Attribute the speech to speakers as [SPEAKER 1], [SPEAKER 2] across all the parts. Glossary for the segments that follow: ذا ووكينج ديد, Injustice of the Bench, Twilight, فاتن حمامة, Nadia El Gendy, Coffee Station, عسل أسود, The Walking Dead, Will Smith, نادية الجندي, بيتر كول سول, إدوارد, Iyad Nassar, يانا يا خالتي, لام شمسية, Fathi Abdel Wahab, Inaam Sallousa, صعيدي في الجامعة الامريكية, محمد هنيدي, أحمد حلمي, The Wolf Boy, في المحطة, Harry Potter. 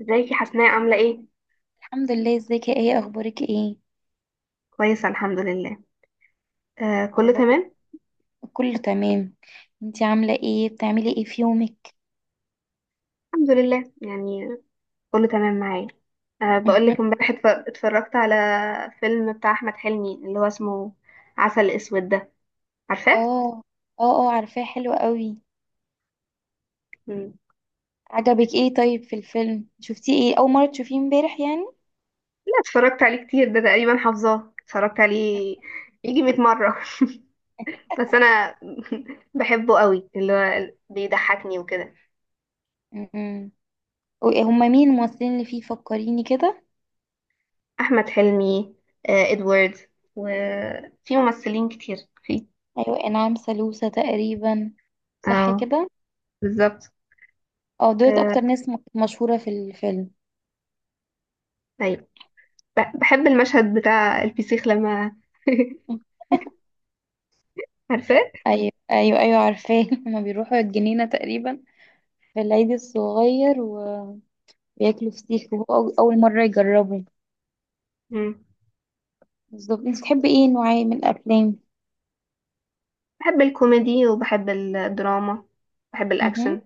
[SPEAKER 1] ازيك يا حسناء عاملة ايه؟
[SPEAKER 2] الحمد لله، ازيك؟ يا ايه اخبارك؟ ايه
[SPEAKER 1] كويسة، الحمد لله. آه، كله
[SPEAKER 2] اخبارك،
[SPEAKER 1] تمام؟
[SPEAKER 2] كله تمام؟ انتي عامله ايه؟ بتعملي ايه في يومك؟
[SPEAKER 1] الحمد لله يعني، كله تمام معايا. آه،
[SPEAKER 2] مهم.
[SPEAKER 1] بقولك امبارح اتفرجت على فيلم بتاع أحمد حلمي اللي هو اسمه عسل أسود ده. عارفاه؟
[SPEAKER 2] اه، اه، اه عارفاه، حلو قوي.
[SPEAKER 1] مم.
[SPEAKER 2] عجبك ايه طيب في الفيلم؟ شفتيه ايه؟ اول مره تشوفيه امبارح يعني؟
[SPEAKER 1] لا، اتفرجت عليه كتير، ده تقريبا حافظاه، اتفرجت عليه يجي 100 مرة. بس أنا بحبه قوي اللي هو بيضحكني وكده.
[SPEAKER 2] مهم. هما مين الممثلين اللي فيه؟ فكريني كده.
[SPEAKER 1] أحمد حلمي، إدوارد، وفي ممثلين كتير فيه.
[SPEAKER 2] ايوه انعام سالوسة تقريبا، صح
[SPEAKER 1] اه،
[SPEAKER 2] كده؟
[SPEAKER 1] بالظبط.
[SPEAKER 2] اه، دولت
[SPEAKER 1] آه،
[SPEAKER 2] اكتر ناس مشهوره في الفيلم.
[SPEAKER 1] أيوة. بحب المشهد بتاع الفسيخ لما
[SPEAKER 2] مهم.
[SPEAKER 1] عارفاه.
[SPEAKER 2] ايوه ايوه ايوه عارفاه. هما بيروحوا الجنينه تقريبا في العيد الصغير، و بياكلوا فسيخ، وهو أول مرة يجربوا.
[SPEAKER 1] مم.
[SPEAKER 2] بالظبط. انت بتحبي ايه نوعية من الأفلام؟
[SPEAKER 1] بحب الكوميدي وبحب الدراما، بحب
[SPEAKER 2] اها.
[SPEAKER 1] الاكشن،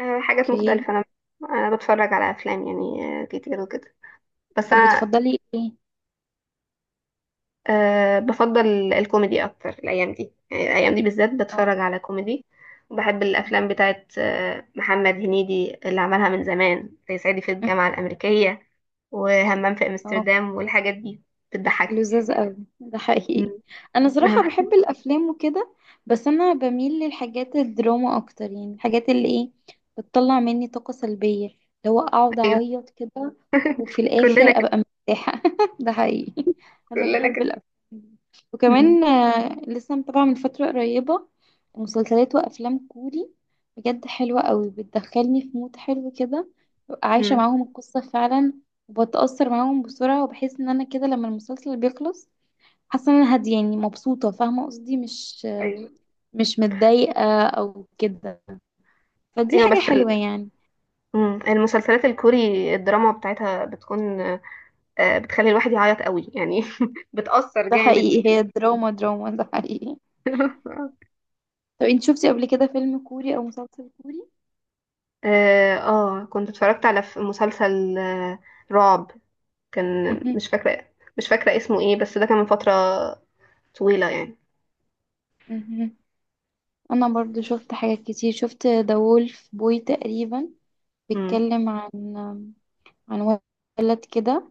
[SPEAKER 1] حاجات
[SPEAKER 2] اوكي.
[SPEAKER 1] مختلفة. انا بتفرج على افلام يعني، كتير وكده، بس
[SPEAKER 2] طب
[SPEAKER 1] انا
[SPEAKER 2] بتفضلي ايه؟
[SPEAKER 1] بفضل الكوميدي اكتر الايام دي، يعني الايام دي بالذات
[SPEAKER 2] اه.
[SPEAKER 1] بتفرج على كوميدي. وبحب الافلام بتاعت محمد هنيدي اللي عملها من زمان، زي صعيدي في الجامعة الامريكية وهمام في
[SPEAKER 2] اه،
[SPEAKER 1] امستردام والحاجات دي. بتضحكني.
[SPEAKER 2] لذاذ قوي ده، حقيقي.
[SPEAKER 1] مم.
[SPEAKER 2] انا صراحة بحب الافلام وكده، بس انا بميل للحاجات الدراما اكتر، يعني الحاجات اللي ايه، بتطلع مني طاقة سلبية، اللي هو اقعد
[SPEAKER 1] ايوه.
[SPEAKER 2] اعيط كده، وفي الاخر
[SPEAKER 1] كلنا كده،
[SPEAKER 2] ابقى مرتاحة. ده حقيقي، انا
[SPEAKER 1] كلنا
[SPEAKER 2] بحب
[SPEAKER 1] كده.
[SPEAKER 2] الافلام.
[SPEAKER 1] مم.
[SPEAKER 2] وكمان لسه متابعة من فترة قريبة مسلسلات وافلام كوري، بجد حلوة قوي، بتدخلني في مود حلو كده، ببقى عايشة
[SPEAKER 1] مم.
[SPEAKER 2] معاهم القصة فعلا، وبتأثر معاهم بسرعة، وبحس ان انا كده لما المسلسل بيخلص، حاسة ان انا هادية، يعني مبسوطة، فاهمة قصدي؟ مش
[SPEAKER 1] ايوه،
[SPEAKER 2] مش متضايقة او كده، فدي
[SPEAKER 1] ايوه،
[SPEAKER 2] حاجة
[SPEAKER 1] بس
[SPEAKER 2] حلوة يعني.
[SPEAKER 1] مم. المسلسلات الكوري الدراما بتاعتها بتكون بتخلي الواحد يعيط قوي يعني. بتأثر
[SPEAKER 2] ده
[SPEAKER 1] جامد.
[SPEAKER 2] حقيقي، هي دراما دراما، ده حقيقي. طب انت شفتي قبل كده فيلم كوري او مسلسل كوري؟
[SPEAKER 1] اه، كنت اتفرجت على مسلسل رعب، كان
[SPEAKER 2] مهم.
[SPEAKER 1] مش فاكرة اسمه ايه، بس ده كان من فترة طويلة يعني.
[SPEAKER 2] مهم. انا برضو شفت حاجات كتير، شفت ذا وولف بوي تقريبا،
[SPEAKER 1] مم.
[SPEAKER 2] بيتكلم عن عن ولد كده.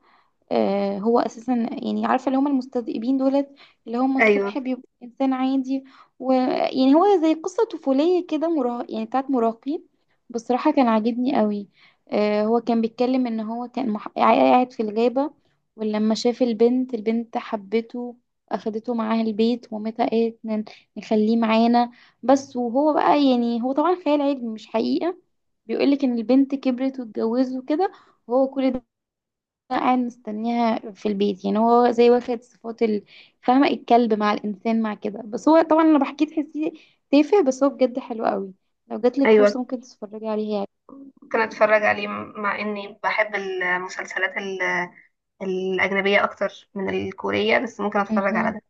[SPEAKER 2] هو اساسا يعني، عارفه اللي هم المستذئبين دولت، اللي هم
[SPEAKER 1] ايوه،
[SPEAKER 2] الصبح بيبقى انسان عادي، ويعني هو زي قصه طفوليه كده، مراه يعني بتاعت مراهقين. بصراحه كان عاجبني قوي. هو كان بيتكلم ان هو كان قاعد في الغابه، ولما شاف البنت، البنت حبته، اخدته معاها البيت، ومامتها قالت نخليه معانا بس. وهو بقى يعني، هو طبعا خيال علمي مش حقيقه، بيقولك ان البنت كبرت واتجوزت وكده، وهو كل ده قاعد مستنيها في البيت، يعني هو زي واخد صفات فاهمة؟ الكلب مع الإنسان مع كده. بس هو طبعا لو بحكيه تحسيه تافه، بس هو بجد حلو قوي. لو جاتلك
[SPEAKER 1] ايوه،
[SPEAKER 2] فرصة ممكن تتفرجي عليه يعني.
[SPEAKER 1] ممكن اتفرج عليه مع اني بحب المسلسلات الأجنبية اكتر من الكورية، بس ممكن اتفرج على
[SPEAKER 2] مهم.
[SPEAKER 1] ده.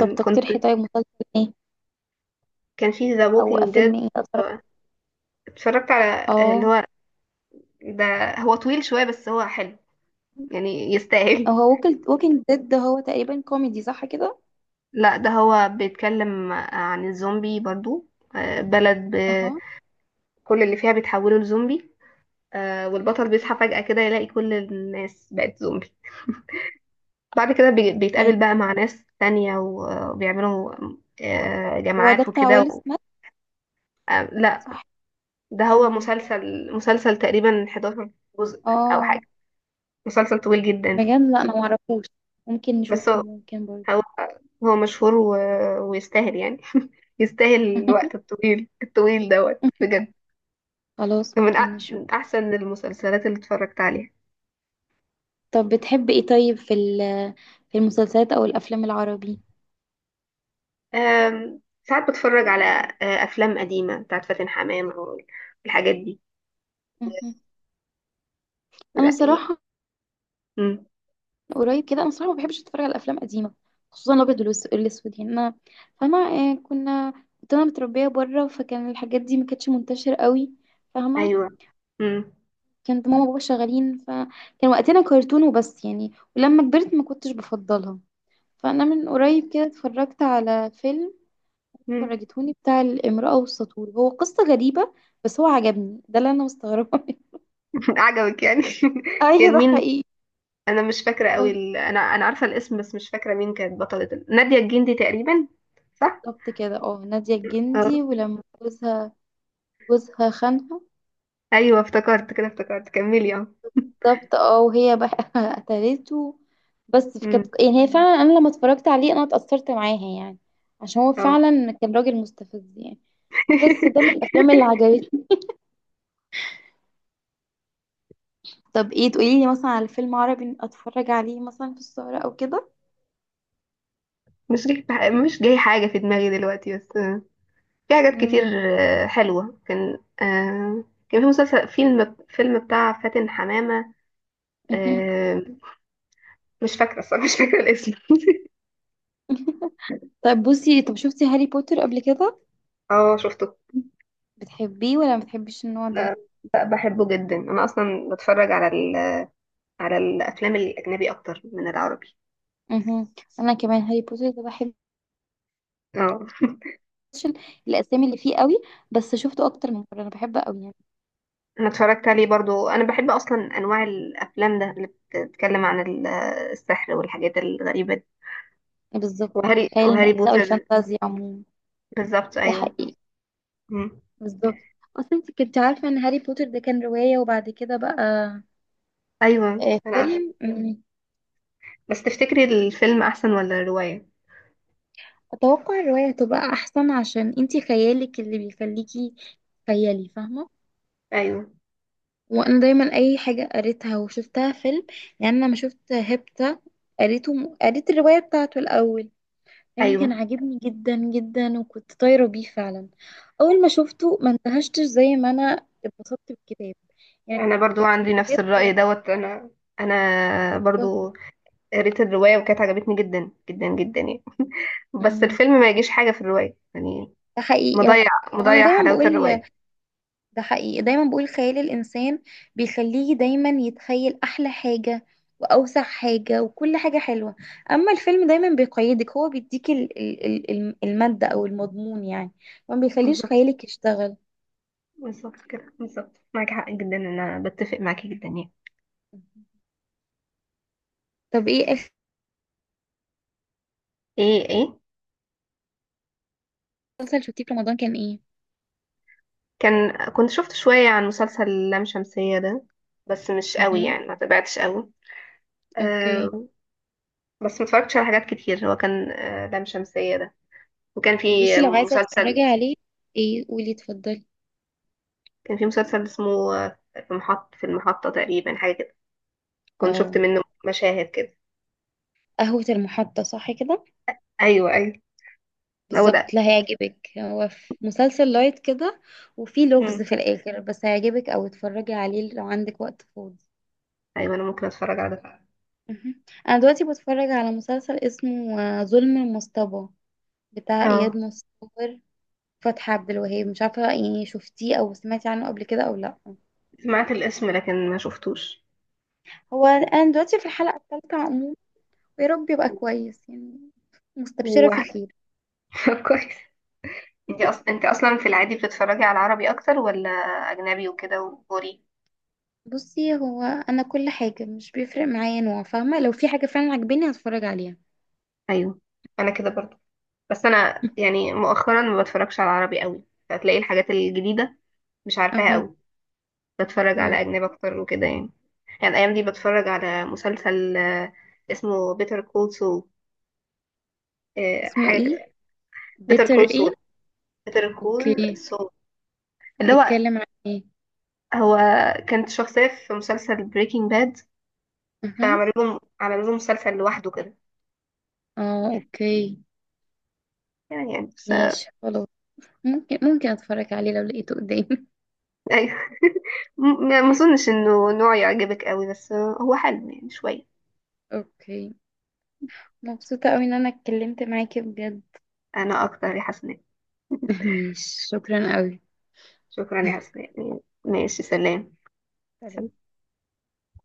[SPEAKER 2] طب
[SPEAKER 1] كنت
[SPEAKER 2] تقترحي طيب مسلسل ايه
[SPEAKER 1] كان في ذا
[SPEAKER 2] أو
[SPEAKER 1] ووكينج ديد،
[SPEAKER 2] فيلم ايه أتفرج
[SPEAKER 1] اتفرجت على
[SPEAKER 2] عليه؟
[SPEAKER 1] اللي
[SPEAKER 2] اه.
[SPEAKER 1] هو ده. هو طويل شوية بس هو حلو، يعني يستاهل.
[SPEAKER 2] هو ووكينج ديد ده هو تقريبا كوميدي، صح كده؟
[SPEAKER 1] لا، ده هو بيتكلم عن الزومبي برضو، بلد
[SPEAKER 2] اها.
[SPEAKER 1] كل اللي فيها بيتحولوا لزومبي. والبطل
[SPEAKER 2] مهم.
[SPEAKER 1] بيصحى فجأة كده يلاقي كل الناس بقت زومبي. بعد كده بي-
[SPEAKER 2] أيوة.
[SPEAKER 1] بيتقابل بقى مع ناس تانية، و- وبيعملوا
[SPEAKER 2] هو ده
[SPEAKER 1] جماعات
[SPEAKER 2] بتاع
[SPEAKER 1] وكده
[SPEAKER 2] ويل سميث،
[SPEAKER 1] لا،
[SPEAKER 2] صح؟
[SPEAKER 1] ده
[SPEAKER 2] بتاع
[SPEAKER 1] هو
[SPEAKER 2] مين؟
[SPEAKER 1] مسلسل تقريبا 11 جزء أو حاجة،
[SPEAKER 2] اه.
[SPEAKER 1] مسلسل طويل جدا،
[SPEAKER 2] بجد لا أنا معرفوش، ممكن
[SPEAKER 1] بس
[SPEAKER 2] نشوفه، ممكن برضه.
[SPEAKER 1] هو هو مشهور و... ويستاهل يعني. يستاهل الوقت الطويل الطويل دوت بجد.
[SPEAKER 2] خلاص ممكن نشوف.
[SPEAKER 1] من أحسن المسلسلات اللي اتفرجت عليها.
[SPEAKER 2] طب بتحب ايه طيب في في المسلسلات او الافلام العربي؟
[SPEAKER 1] ساعات بتفرج على أفلام قديمة بتاعت فاتن حمامة والحاجات دي.
[SPEAKER 2] مهم. انا
[SPEAKER 1] لا، إيه.
[SPEAKER 2] صراحه،
[SPEAKER 1] مم.
[SPEAKER 2] قريب كده انا صراحه ما بحبش اتفرج على الافلام القديمه، خصوصا الابيض والاسود، يعني انا فاهمه، كنا كنت انا متربيه بره، فكان الحاجات دي ما كانتش منتشره قوي، فاهمه؟
[SPEAKER 1] أيوه. مم.
[SPEAKER 2] كانت ماما وبابا شغالين، فكان وقتنا كرتون وبس يعني، ولما كبرت ما كنتش بفضلها. فانا من قريب كده اتفرجت على فيلم
[SPEAKER 1] مم.
[SPEAKER 2] فرجتهوني، بتاع الامرأة والسطول، هو قصة غريبة بس هو عجبني، ده اللي انا مستغربة.
[SPEAKER 1] عجبك يعني؟
[SPEAKER 2] ايوه
[SPEAKER 1] كان
[SPEAKER 2] ده
[SPEAKER 1] مين؟
[SPEAKER 2] حقيقي.
[SPEAKER 1] أنا مش فاكرة
[SPEAKER 2] هو
[SPEAKER 1] قوي، ال... أنا أنا عارفة الاسم، بس مش فاكرة مين كانت بطلة نادية الجندي تقريبا.
[SPEAKER 2] بالظبط كده، اه نادية
[SPEAKER 1] صح؟
[SPEAKER 2] الجندي. ولما جوزها، جوزها خانها.
[SPEAKER 1] ايوه، افتكرت كده، افتكرت، كملي. اه.
[SPEAKER 2] بالظبط، اه وهي بقى قتلته. بس في كانت
[SPEAKER 1] امم
[SPEAKER 2] يعني، هي فعلا، انا لما اتفرجت عليه انا اتأثرت معاها يعني، عشان هو
[SPEAKER 1] اه.
[SPEAKER 2] فعلا كان راجل مستفز يعني. بس ده من الافلام اللي عجبتني. طب ايه تقولي لي مثلا على فيلم عربي اتفرج عليه مثلا في السهرة او كده؟
[SPEAKER 1] مش جاي حاجه في دماغي دلوقتي، بس في حاجات كتير
[SPEAKER 2] مم.
[SPEAKER 1] حلوه. كان آه، كان في مسلسل فيلم بتاع فاتن حمامه. آه، مش فاكره الصراحه، مش فاكره الاسم.
[SPEAKER 2] طيب بصي، طب شفتي هاري بوتر قبل كده؟
[SPEAKER 1] اه، شفته.
[SPEAKER 2] بتحبيه ولا ما بتحبيش النوع ده؟
[SPEAKER 1] ده ده بحبه جدا، انا اصلا بتفرج على الافلام الاجنبي اكتر من العربي.
[SPEAKER 2] مهم. انا كمان هاري بوتر ده بحبه.
[SPEAKER 1] اه،
[SPEAKER 2] شن- الاسامي اللي فيه قوي، بس شفته اكتر من مره، انا بحبه قوي يعني.
[SPEAKER 1] انا اتفرجت عليه برضو، انا بحب اصلا انواع الافلام ده اللي بتتكلم عن السحر والحاجات الغريبه.
[SPEAKER 2] بالظبط،
[SPEAKER 1] وهاري
[SPEAKER 2] الخيال
[SPEAKER 1] وهاري
[SPEAKER 2] المائده
[SPEAKER 1] بوتر،
[SPEAKER 2] والفانتازيا عموما.
[SPEAKER 1] بالظبط،
[SPEAKER 2] ده
[SPEAKER 1] ايوه.
[SPEAKER 2] حقيقي،
[SPEAKER 1] مم.
[SPEAKER 2] بالظبط. اصلا انت كنت عارفه ان هاري بوتر ده كان روايه وبعد كده بقى
[SPEAKER 1] ايوه، انا عارفه.
[SPEAKER 2] فيلم؟ مم.
[SPEAKER 1] بس تفتكري الفيلم احسن ولا الروايه؟
[SPEAKER 2] اتوقع الروايه هتبقى احسن، عشان انت خيالك اللي بيخليكي، خيالي فاهمه.
[SPEAKER 1] ايوه،
[SPEAKER 2] وانا دايما اي حاجه قريتها وشفتها فيلم، يعني انا لما شفت هيبتا، قريته قريت الروايه بتاعته الاول، فاهم؟ كان
[SPEAKER 1] ايوه،
[SPEAKER 2] عاجبني جدا جدا وكنت طايرة بيه فعلا. أول ما شفته ما اندهشتش زي ما أنا اتبسطت بالكتاب يعني،
[SPEAKER 1] انا برضو
[SPEAKER 2] كنت
[SPEAKER 1] عندي نفس
[SPEAKER 2] بالكتاب.
[SPEAKER 1] الراي دوت. انا
[SPEAKER 2] بالظبط.
[SPEAKER 1] برضو قريت الروايه وكانت عجبتني جدا جدا جدا يعني، بس
[SPEAKER 2] أمم،
[SPEAKER 1] الفيلم ما يجيش حاجه في الروايه يعني.
[SPEAKER 2] ده حقيقي. هو
[SPEAKER 1] مضيع
[SPEAKER 2] هو أنا
[SPEAKER 1] مضيع
[SPEAKER 2] دايما
[SPEAKER 1] حلاوه
[SPEAKER 2] بقول،
[SPEAKER 1] الروايه.
[SPEAKER 2] ده حقيقي، دايما بقول خيال الإنسان بيخليه دايما يتخيل أحلى حاجة وأوسع حاجة وكل حاجة حلوة. أما الفيلم دايما بيقيدك، هو بيديك المادة أو المضمون يعني، ما بيخليش
[SPEAKER 1] بالظبط،
[SPEAKER 2] خيالك يشتغل.
[SPEAKER 1] بالظبط كده، بالظبط، معاكي حق جدا، انا بتفق معاكي جدا يعني.
[SPEAKER 2] طب إيه آخر
[SPEAKER 1] ايه، ايه؟
[SPEAKER 2] مسلسل شفتيه في رمضان؟ كان إيه؟
[SPEAKER 1] كنت شفت شويه عن مسلسل لام شمسيه ده، بس مش قوي
[SPEAKER 2] مهم.
[SPEAKER 1] يعني، ما تابعتش قوي.
[SPEAKER 2] اوكي.
[SPEAKER 1] آه، بس ما اتفرجتش على حاجات كتير. هو كان لام شمسية ده، وكان
[SPEAKER 2] بصي
[SPEAKER 1] في
[SPEAKER 2] لو عايزه تتفرجي
[SPEAKER 1] مسلسل.
[SPEAKER 2] عليه، ايه قولي، اتفضلي.
[SPEAKER 1] كان في مسلسل اسمه في المحطة تقريبا، حاجة كده، كنت شفت
[SPEAKER 2] اه،
[SPEAKER 1] منه مشاهد كده.
[SPEAKER 2] قهوة المحطة، صح كده؟
[SPEAKER 1] أيوه، أيوه، هو
[SPEAKER 2] بالظبط،
[SPEAKER 1] ده.
[SPEAKER 2] لا هيعجبك، هو في مسلسل لايت كده وفي لغز
[SPEAKER 1] مم.
[SPEAKER 2] في الآخر، بس هيعجبك، أو اتفرجي عليه لو عندك وقت فاضي.
[SPEAKER 1] أيوه، أنا ممكن أتفرج على ده فعلا.
[SPEAKER 2] مهم. أنا دلوقتي بتفرج على مسلسل اسمه ظلم المصطبة، بتاع إياد
[SPEAKER 1] اه،
[SPEAKER 2] نصار، فتحي عبد الوهاب. مش عارفة يعني شفتيه أو سمعتي عنه قبل كده أو لأ؟
[SPEAKER 1] سمعت الاسم لكن ما شفتوش.
[SPEAKER 2] هو أنا دلوقتي في الحلقة الثالثة، ويا رب يبقى كويس يعني، مستبشرة
[SPEAKER 1] و...
[SPEAKER 2] فيه خير.
[SPEAKER 1] كويس. انت أصلا في العادي بتتفرجي على عربي أكتر ولا أجنبي وكده وكوري؟
[SPEAKER 2] بصي هو أنا كل حاجة مش بيفرق معايا نوع، فاهمة؟ لو في حاجة فعلا عجباني هتفرج عليها.
[SPEAKER 1] أيوه، أنا كده برضه، بس أنا يعني مؤخرا ما بتفرجش على عربي قوي، فتلاقي الحاجات الجديدة مش عارفاها
[SPEAKER 2] أها.
[SPEAKER 1] قوي. بتفرج
[SPEAKER 2] ماما؟
[SPEAKER 1] على أجنبي أكتر وكده يعني. يعني الأيام دي بتفرج على مسلسل اسمه بيتر كول سول،
[SPEAKER 2] اسمه
[SPEAKER 1] حاجة كده.
[SPEAKER 2] ايه؟
[SPEAKER 1] بيتر
[SPEAKER 2] بيتر
[SPEAKER 1] كول سول،
[SPEAKER 2] ايه؟
[SPEAKER 1] بيتر
[SPEAKER 2] اوكي.
[SPEAKER 1] كول سول. اللي هو
[SPEAKER 2] بيتكلم عن ايه؟
[SPEAKER 1] هو كانت شخصية في مسلسل بريكنج باد،
[SPEAKER 2] أها.
[SPEAKER 1] فعملوا لهم مسلسل لوحده كده.
[SPEAKER 2] اه، اوكي.
[SPEAKER 1] يعني بس
[SPEAKER 2] ماشي خلاص، ممكن ممكن اتفرج عليه لو لقيته قدامي.
[SPEAKER 1] أيوه. ما أظنش إنه نوع يعجبك قوي، بس هو حلو يعني شوية.
[SPEAKER 2] اوكي، مبسوطة قوي ان انا اتكلمت معاكي بجد.
[SPEAKER 1] أنا أكتر يا حسناء.
[SPEAKER 2] ماشي، شكرا قوي.
[SPEAKER 1] شكرا يا حسناء. ماشي، سلام.
[SPEAKER 2] سلام.
[SPEAKER 1] سلام.